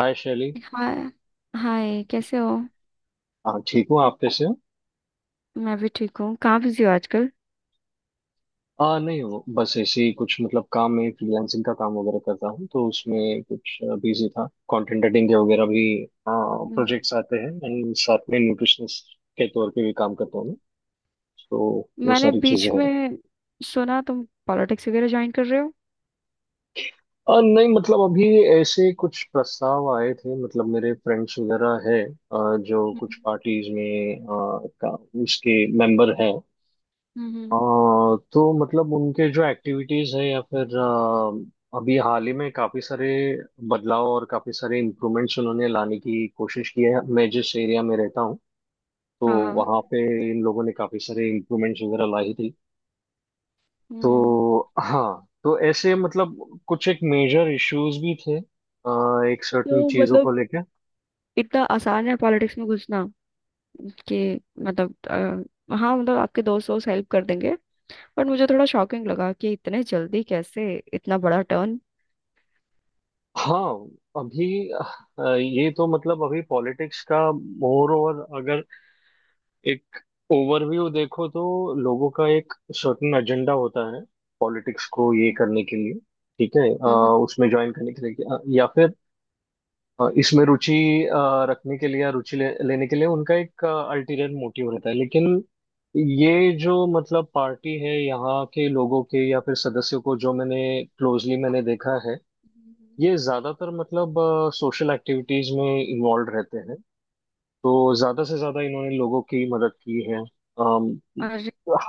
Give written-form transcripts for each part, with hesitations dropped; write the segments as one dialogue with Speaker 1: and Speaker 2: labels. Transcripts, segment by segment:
Speaker 1: हाय Shaily.
Speaker 2: Hi. Hi, कैसे हो?
Speaker 1: हाँ, ठीक हूँ, आप कैसे हो?
Speaker 2: मैं भी ठीक हूँ। कहाँ बिजी हो आजकल?
Speaker 1: नहीं, वो बस ऐसे ही कुछ मतलब काम में फ्रीलांसिंग का काम वगैरह करता हूँ, तो उसमें कुछ बिजी था। कंटेंट एडिटिंग के वगैरह भी
Speaker 2: हम्म।
Speaker 1: प्रोजेक्ट्स आते हैं, एंड साथ में न्यूट्रिशनिस्ट के तौर पे भी काम करता हूँ मैं। तो वो
Speaker 2: मैंने
Speaker 1: सारी
Speaker 2: बीच
Speaker 1: चीजें हैं।
Speaker 2: में सुना तुम पॉलिटिक्स वगैरह ज्वाइन कर रहे हो।
Speaker 1: नहीं, मतलब अभी ऐसे कुछ प्रस्ताव आए थे, मतलब मेरे फ्रेंड्स वगैरह है जो कुछ
Speaker 2: हम्म,
Speaker 1: पार्टीज में का उसके मेंबर हैं। अ,
Speaker 2: हम्म।
Speaker 1: तो मतलब उनके जो एक्टिविटीज है, या फिर अभी हाल ही में काफी सारे बदलाव और काफी सारे इम्प्रूवमेंट्स उन्होंने लाने की कोशिश की है। मैं जिस एरिया में रहता हूँ, तो
Speaker 2: हाँ, हाँ।
Speaker 1: वहाँ पे इन लोगों ने काफी सारे इम्प्रूवमेंट्स वगैरह लाई थी।
Speaker 2: हम्म।
Speaker 1: तो हाँ, तो ऐसे मतलब कुछ एक मेजर इश्यूज भी थे, एक सर्टेन
Speaker 2: तो
Speaker 1: चीजों
Speaker 2: मतलब
Speaker 1: को लेके।
Speaker 2: इतना आसान है पॉलिटिक्स में घुसना कि? मतलब, हाँ, मतलब आपके दोस्त दोस्त हेल्प कर देंगे। पर मुझे थोड़ा शॉकिंग लगा कि इतने जल्दी कैसे, इतना बड़ा टर्न।
Speaker 1: हाँ, अभी ये तो मतलब अभी पॉलिटिक्स का मोर ओवर, अगर एक ओवरव्यू देखो, तो लोगों का एक सर्टेन एजेंडा होता है पॉलिटिक्स को ये
Speaker 2: हम्म,
Speaker 1: करने के लिए। ठीक है,
Speaker 2: हम्म। हम्म।
Speaker 1: उसमें ज्वाइन करने के लिए या फिर इसमें रुचि अ, रखने के लिए, या लेने के लिए उनका एक अल्टीरियर मोटिव रहता है। लेकिन ये जो मतलब पार्टी है, यहाँ के लोगों के या फिर सदस्यों को जो मैंने क्लोजली मैंने देखा है,
Speaker 2: हम्म।
Speaker 1: ये ज्यादातर मतलब सोशल एक्टिविटीज में इन्वॉल्व रहते हैं। तो ज्यादा से ज्यादा इन्होंने लोगों की मदद की है, अम,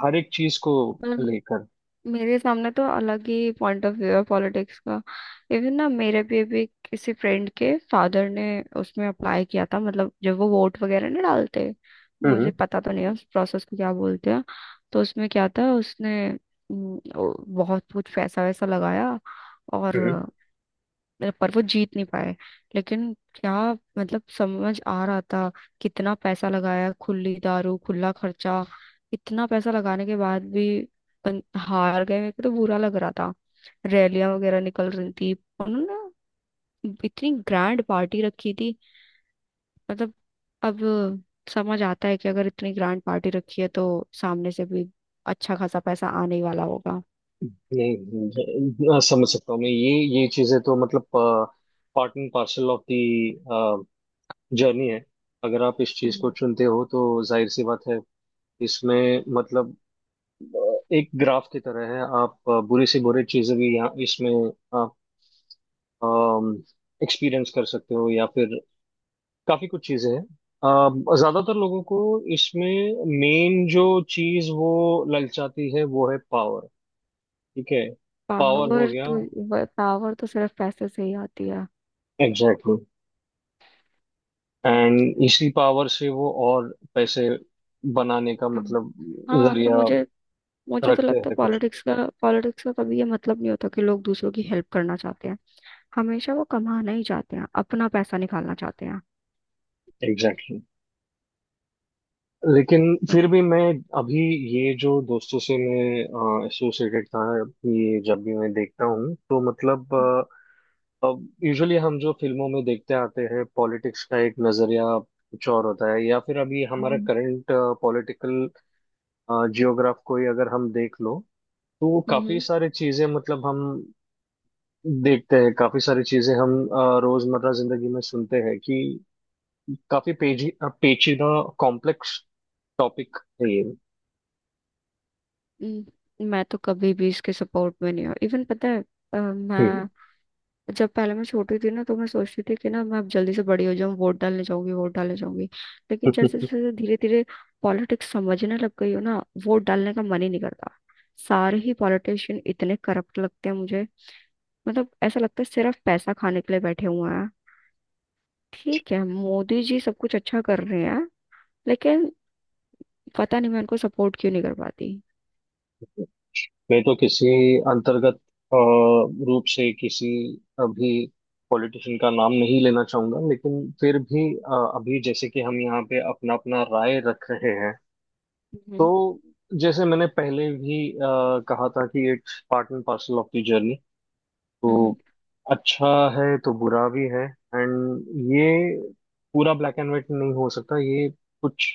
Speaker 1: हर एक चीज को
Speaker 2: अरे,
Speaker 1: लेकर।
Speaker 2: मेरे सामने तो अलग ही पॉइंट ऑफ व्यू है पॉलिटिक्स का। इवन ना, मेरे भी अभी किसी फ्रेंड के फादर ने उसमें अप्लाई किया था, मतलब जब वो वोट वगैरह नहीं डालते। मुझे
Speaker 1: हम्म।
Speaker 2: पता तो नहीं है उस प्रोसेस को क्या बोलते हैं। तो उसमें क्या था, उसने बहुत कुछ पैसा वैसा लगाया। और,
Speaker 1: हम्म।
Speaker 2: पर वो जीत नहीं पाए। लेकिन क्या, मतलब समझ आ रहा था, कितना पैसा लगाया, खुली दारू, खुला खर्चा। इतना पैसा लगाने के बाद भी हार गए। मेरे को तो बुरा लग रहा था। रैलियां वगैरह निकल रही थी। उन्होंने इतनी ग्रैंड पार्टी रखी थी। मतलब अब समझ आता है कि अगर इतनी ग्रैंड पार्टी रखी है तो सामने से भी अच्छा खासा पैसा आने ही वाला होगा।
Speaker 1: नहीं, नहीं, समझ सकता हूँ मैं ये। ये चीजें तो मतलब part and parcel of the journey है। अगर आप इस चीज को चुनते हो, तो जाहिर सी बात है इसमें मतलब अ, एक ग्राफ की तरह है। आप बुरी से बुरी चीजें भी यहाँ इसमें आप एक्सपीरियंस कर सकते हो, या फिर काफी कुछ चीजें हैं। ज्यादातर लोगों को इसमें मेन जो चीज वो ललचाती है, वो है पावर। ठीक है, पावर हो
Speaker 2: पावर
Speaker 1: गया।
Speaker 2: तो, पावर तो सिर्फ पैसे से ही आती है।
Speaker 1: Exactly exactly। एंड इसी पावर से वो और पैसे बनाने का
Speaker 2: हम्म।
Speaker 1: मतलब
Speaker 2: हाँ, तो
Speaker 1: जरिया
Speaker 2: मुझे मुझे तो
Speaker 1: रखते
Speaker 2: लगता है
Speaker 1: हैं कुछ।
Speaker 2: पॉलिटिक्स का, पॉलिटिक्स का कभी ये मतलब नहीं होता कि लोग दूसरों की हेल्प करना चाहते हैं। हमेशा वो कमाना ही चाहते हैं, अपना पैसा निकालना चाहते हैं।
Speaker 1: Exactly exactly। लेकिन
Speaker 2: तो,
Speaker 1: फिर भी मैं अभी ये जो दोस्तों से मैं एसोसिएटेड था, ये जब भी मैं देखता हूँ, तो मतलब अब यूजुअली हम जो फिल्मों में देखते आते हैं, पॉलिटिक्स का एक नजरिया कुछ और होता है, या फिर अभी हमारा
Speaker 2: हम्म,
Speaker 1: करंट पॉलिटिकल जियोग्राफ को ही अगर हम देख लो, तो काफी
Speaker 2: हम्म,
Speaker 1: सारी चीजें मतलब हम देखते हैं। काफी सारी चीजें हम रोजमर्रा जिंदगी में सुनते हैं कि काफी पेची पेचीदा कॉम्प्लेक्स टॉपिक है ये।
Speaker 2: मैं तो कभी भी इसके सपोर्ट में नहीं हूँ, इवन पता है।
Speaker 1: हम्म।
Speaker 2: मैं, जब पहले मैं छोटी थी ना, तो मैं सोचती थी कि ना मैं अब जल्दी से बड़ी हो जाऊं, वोट डालने जाऊंगी, वोट डालने जाऊंगी। लेकिन जैसे जैसे धीरे धीरे पॉलिटिक्स समझने लग गई हो ना, वोट डालने का मन ही नहीं करता। सारे ही पॉलिटिशियन इतने करप्ट लगते हैं मुझे। मतलब ऐसा लगता है सिर्फ पैसा खाने के लिए बैठे हुए हैं। ठीक है, मोदी जी सब कुछ अच्छा कर रहे हैं, लेकिन पता नहीं मैं उनको सपोर्ट क्यों नहीं कर पाती।
Speaker 1: मैं तो किसी अंतर्गत रूप से किसी अभी पॉलिटिशियन का नाम नहीं लेना चाहूंगा, लेकिन फिर भी अभी जैसे कि हम यहाँ पे अपना अपना राय रख रहे हैं,
Speaker 2: हम्म,
Speaker 1: तो जैसे मैंने पहले भी कहा था कि it's part and parcel of the journey.
Speaker 2: हम्म।
Speaker 1: तो अच्छा है तो बुरा भी है। एंड ये पूरा ब्लैक एंड व्हाइट नहीं हो सकता, ये कुछ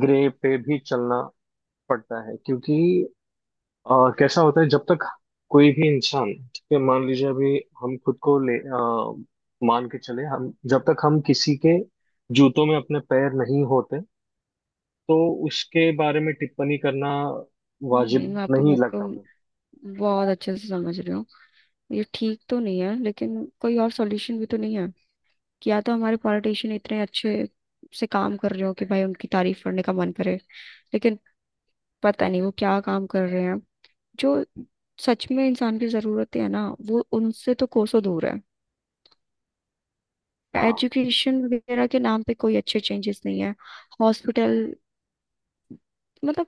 Speaker 1: ग्रे पे भी चलना पड़ता है, क्योंकि कैसा होता है, जब तक कोई भी इंसान, ठीक है, मान लीजिए अभी हम खुद को मान के चले, हम जब तक हम किसी के जूतों में अपने पैर नहीं होते, तो उसके बारे में टिप्पणी करना
Speaker 2: नहीं, नहीं,
Speaker 1: वाजिब
Speaker 2: मैं आपकी
Speaker 1: नहीं
Speaker 2: बात को
Speaker 1: लगता मुझे।
Speaker 2: बहुत अच्छे से समझ रही हूँ। ये ठीक तो नहीं है, लेकिन कोई और सॉल्यूशन भी तो नहीं है। या तो हमारे पॉलिटिशियन इतने अच्छे से काम कर रहे हो कि भाई उनकी तारीफ करने का मन करे। लेकिन पता नहीं वो क्या काम कर रहे हैं, जो सच में इंसान की जरूरतें है ना, वो उनसे तो कोसों दूर है।
Speaker 1: हाँ,
Speaker 2: एजुकेशन वगैरह के नाम पे कोई अच्छे चेंजेस नहीं है। हॉस्पिटल, मतलब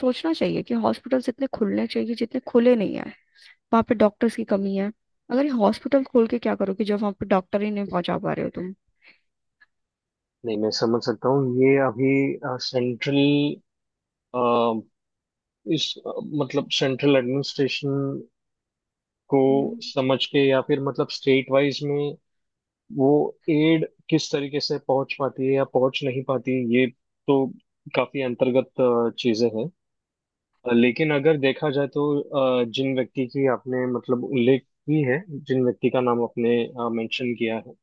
Speaker 2: सोचना चाहिए कि हॉस्पिटल्स इतने खुलने चाहिए, जितने खुले नहीं है। वहां पे डॉक्टर्स की कमी है। अगर ये हॉस्पिटल खोल के क्या करोगे, जब वहां पे डॉक्टर ही नहीं पहुंचा पा रहे हो तुम।
Speaker 1: नहीं, मैं समझ सकता हूँ ये। अभी सेंट्रल इस अ, मतलब सेंट्रल एडमिनिस्ट्रेशन को
Speaker 2: हम्म,
Speaker 1: समझ के, या फिर मतलब स्टेट वाइज में वो एड किस तरीके से पहुंच पाती है या पहुंच नहीं पाती है, ये तो काफी अंतर्गत चीजें हैं। लेकिन अगर देखा जाए, तो जिन व्यक्ति की आपने मतलब उल्लेख की है, जिन व्यक्ति का नाम आपने मेंशन किया है,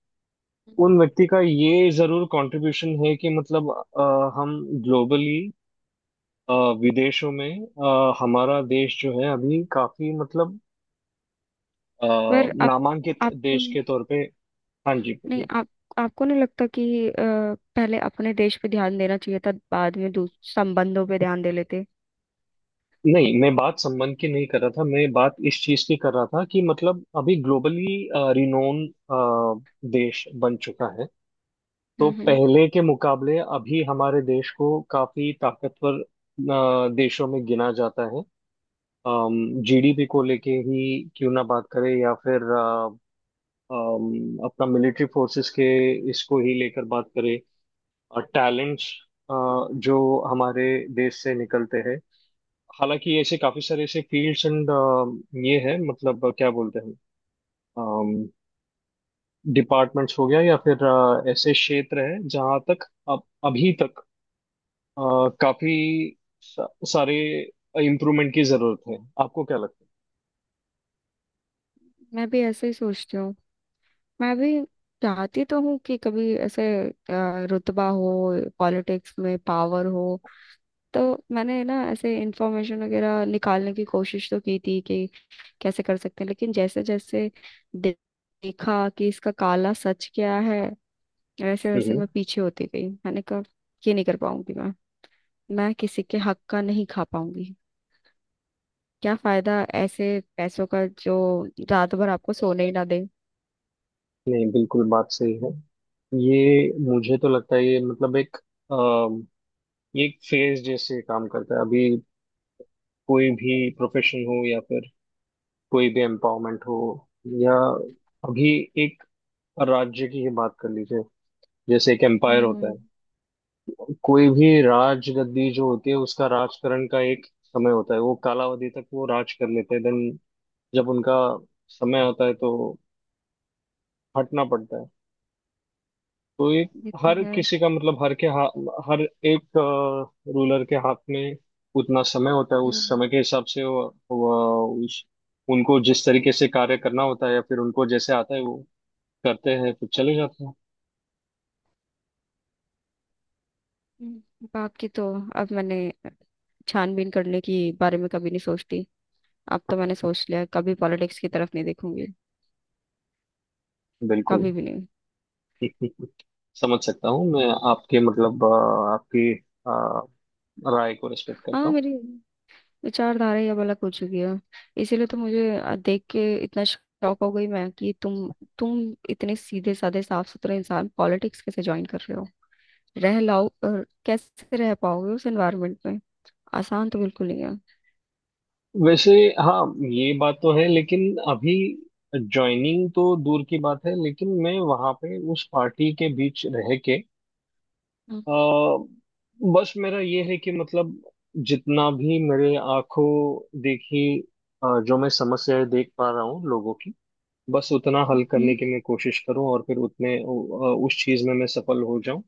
Speaker 2: हम्म।
Speaker 1: उन व्यक्ति का ये जरूर कंट्रीब्यूशन है कि मतलब अ, हम ग्लोबली विदेशों में हमारा देश जो है अभी काफी मतलब अ,
Speaker 2: पर
Speaker 1: नामांकित
Speaker 2: आप
Speaker 1: देश के तौर पे। हाँ जी।
Speaker 2: नहीं, आप, आपको नहीं लगता कि पहले अपने देश पे ध्यान देना चाहिए था, बाद में संबंधों पे ध्यान दे लेते?
Speaker 1: नहीं, मैं बात संबंध की नहीं कर रहा था, मैं बात इस चीज की कर रहा था कि मतलब अभी ग्लोबली रिनोन देश बन चुका है। तो
Speaker 2: हम्म, हम्म।
Speaker 1: पहले के मुकाबले अभी हमारे देश को काफी ताकतवर देशों में गिना जाता है। जीडीपी को लेके ही क्यों ना बात करें, या फिर अपना मिलिट्री फोर्सेस के इसको ही लेकर बात करें, और टैलेंट्स जो हमारे देश से निकलते हैं। हालांकि ऐसे काफी सारे ऐसे फील्ड्स एंड ये है मतलब क्या बोलते हैं, डिपार्टमेंट्स हो गया, या फिर ऐसे क्षेत्र है जहां तक अब अभी तक अ, काफी सा, सारे इम्प्रूवमेंट की जरूरत है। आपको क्या लगता
Speaker 2: मैं भी ऐसे ही सोचती हूँ। मैं भी चाहती तो हूँ कि कभी ऐसे रुतबा हो, पॉलिटिक्स में पावर हो, तो मैंने ना ऐसे इंफॉर्मेशन वगैरह निकालने की कोशिश तो की थी कि कैसे कर सकते हैं। लेकिन जैसे जैसे दे- देखा कि इसका काला सच क्या है, वैसे
Speaker 1: है?
Speaker 2: वैसे
Speaker 1: हम्म।
Speaker 2: मैं पीछे होती गई। मैंने कहा ये नहीं कर पाऊंगी मैं। मैं किसी के हक का नहीं खा पाऊंगी। क्या फायदा ऐसे पैसों का जो रात भर आपको सोने ही ना दे।
Speaker 1: नहीं, बिल्कुल बात सही है। ये मुझे तो लगता है ये मतलब एक ये एक फेज जैसे काम करता है। अभी कोई भी प्रोफेशन हो, या फिर कोई भी एम्पावरमेंट हो, या अभी एक और राज्य की ही बात कर लीजिए। जैसे एक एम्पायर होता
Speaker 2: हम्म।
Speaker 1: है, कोई भी राजगद्दी जो होती है, उसका राजकरण का एक समय होता है, वो कालावधि तक वो राज कर लेते हैं, देन जब उनका समय होता है, तो हटना पड़ता है। तो ये
Speaker 2: ये तो
Speaker 1: हर
Speaker 2: है।
Speaker 1: किसी का मतलब हर के हाथ, हर एक रूलर के हाथ में उतना समय होता है, उस
Speaker 2: हम्म,
Speaker 1: समय के हिसाब से वो उस उनको जिस तरीके से कार्य करना होता है, या फिर उनको जैसे आता है, वो करते हैं फिर चले जाते हैं।
Speaker 2: हम्म। बाप की तो, अब मैंने छानबीन करने की बारे में कभी नहीं सोचती। अब तो मैंने सोच लिया कभी पॉलिटिक्स की तरफ नहीं देखूंगी,
Speaker 1: बिल्कुल
Speaker 2: कभी भी नहीं।
Speaker 1: समझ सकता हूँ मैं आपके मतलब आपकी अ, राय को रिस्पेक्ट करता
Speaker 2: हाँ,
Speaker 1: हूँ।
Speaker 2: मेरी विचारधारा ही अब अलग हो चुकी है। इसीलिए तो मुझे देख के इतना शौक हो गई मैं कि तुम इतने सीधे साधे साफ सुथरे इंसान पॉलिटिक्स कैसे ज्वाइन कर रहे हो? रह लाओ और कैसे रह पाओगे उस एनवायरनमेंट में? आसान तो बिल्कुल नहीं है।
Speaker 1: वैसे हाँ, ये बात तो है, लेकिन अभी ज्वाइनिंग तो दूर की बात है, लेकिन मैं वहाँ पे उस पार्टी के बीच रह के
Speaker 2: हम्म।
Speaker 1: अ, बस मेरा ये है कि मतलब जितना भी मेरे आंखों देखी जो मैं समस्याएं देख पा रहा हूँ लोगों की, बस उतना हल करने की मैं कोशिश करूँ और फिर उस चीज़ में मैं सफल हो जाऊँ।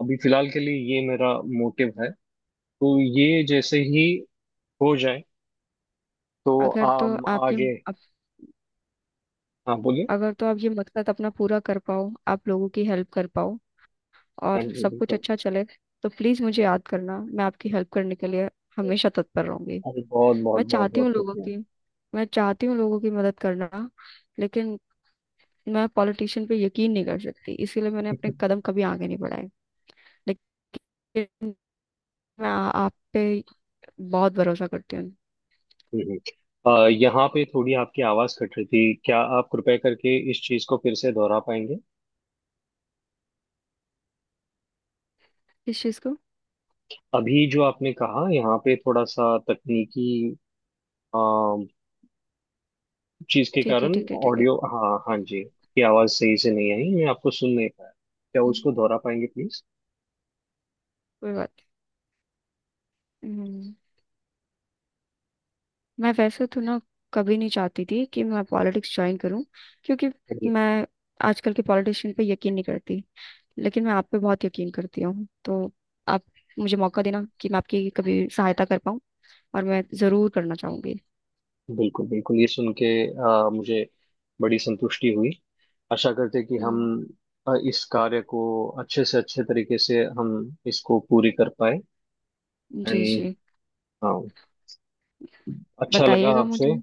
Speaker 1: अभी फिलहाल के लिए ये मेरा मोटिव है। तो ये जैसे ही हो जाए, तो
Speaker 2: अगर तो
Speaker 1: आम
Speaker 2: आप ये
Speaker 1: आगे।
Speaker 2: आप,
Speaker 1: हाँ, बोलिए।
Speaker 2: अगर तो आप ये मकसद अपना पूरा कर पाओ, आप लोगों की हेल्प कर पाओ
Speaker 1: हाँ
Speaker 2: और
Speaker 1: जी,
Speaker 2: सब कुछ
Speaker 1: बिल्कुल।
Speaker 2: अच्छा चले, तो प्लीज मुझे याद करना। मैं आपकी हेल्प करने के लिए हमेशा तत्पर रहूंगी।
Speaker 1: अरे, बहुत बहुत
Speaker 2: मैं
Speaker 1: बहुत
Speaker 2: चाहती
Speaker 1: बहुत
Speaker 2: हूँ लोगों
Speaker 1: शुक्रिया।
Speaker 2: की मैं चाहती हूँ लोगों की मदद करना। लेकिन मैं पॉलिटिशियन पे यकीन नहीं कर सकती, इसीलिए मैंने अपने कदम कभी आगे नहीं बढ़ाए। लेकिन मैं आप पे बहुत भरोसा करती हूँ।
Speaker 1: हम्म। हम्म। यहाँ पे थोड़ी आपकी आवाज कट रही थी, क्या आप कृपया करके इस चीज को फिर से दोहरा पाएंगे?
Speaker 2: किस चीज को?
Speaker 1: अभी जो आपने कहा, यहाँ पे थोड़ा सा तकनीकी अ, चीज के
Speaker 2: ठीक है,
Speaker 1: कारण
Speaker 2: ठीक है, ठीक है।
Speaker 1: ऑडियो, हाँ हाँ जी की आवाज सही से नहीं आई, मैं आपको सुन नहीं पाया। क्या
Speaker 2: हम्म,
Speaker 1: उसको दोहरा पाएंगे
Speaker 2: कोई बात नहीं। मैं वैसे तो ना कभी नहीं चाहती थी कि मैं पॉलिटिक्स ज्वाइन करूं, क्योंकि
Speaker 1: प्लीज?
Speaker 2: मैं आजकल के पॉलिटिशियन पे यकीन नहीं करती। लेकिन मैं आप पे बहुत यकीन करती हूँ, तो आप मुझे मौका देना कि मैं आपकी कभी सहायता कर पाऊँ, और मैं जरूर करना चाहूंगी।
Speaker 1: बिल्कुल बिल्कुल, ये सुन के मुझे बड़ी संतुष्टि हुई। आशा करते हैं कि हम
Speaker 2: हम्म,
Speaker 1: इस कार्य को अच्छे से अच्छे तरीके से हम इसको पूरी कर पाए।
Speaker 2: जी,
Speaker 1: एंड
Speaker 2: जी।
Speaker 1: हाँ, अच्छा लगा
Speaker 2: बताइएगा
Speaker 1: आपसे।
Speaker 2: मुझे।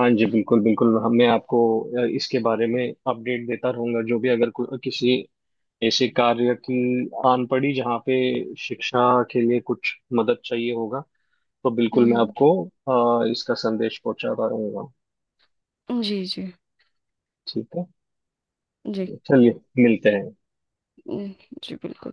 Speaker 1: हाँ जी, बिल्कुल बिल्कुल, हम मैं आपको इसके बारे में अपडेट देता रहूंगा। जो भी अगर किसी ऐसे कार्य की आन पड़ी जहाँ पे शिक्षा के लिए कुछ मदद चाहिए होगा, तो
Speaker 2: हम्म,
Speaker 1: बिल्कुल मैं
Speaker 2: हम्म।
Speaker 1: आपको इसका संदेश पहुंचाता रहूंगा।
Speaker 2: जी, जी,
Speaker 1: ठीक है,
Speaker 2: जी।
Speaker 1: चलिए मिलते हैं।
Speaker 2: हम्म, जी बिल्कुल।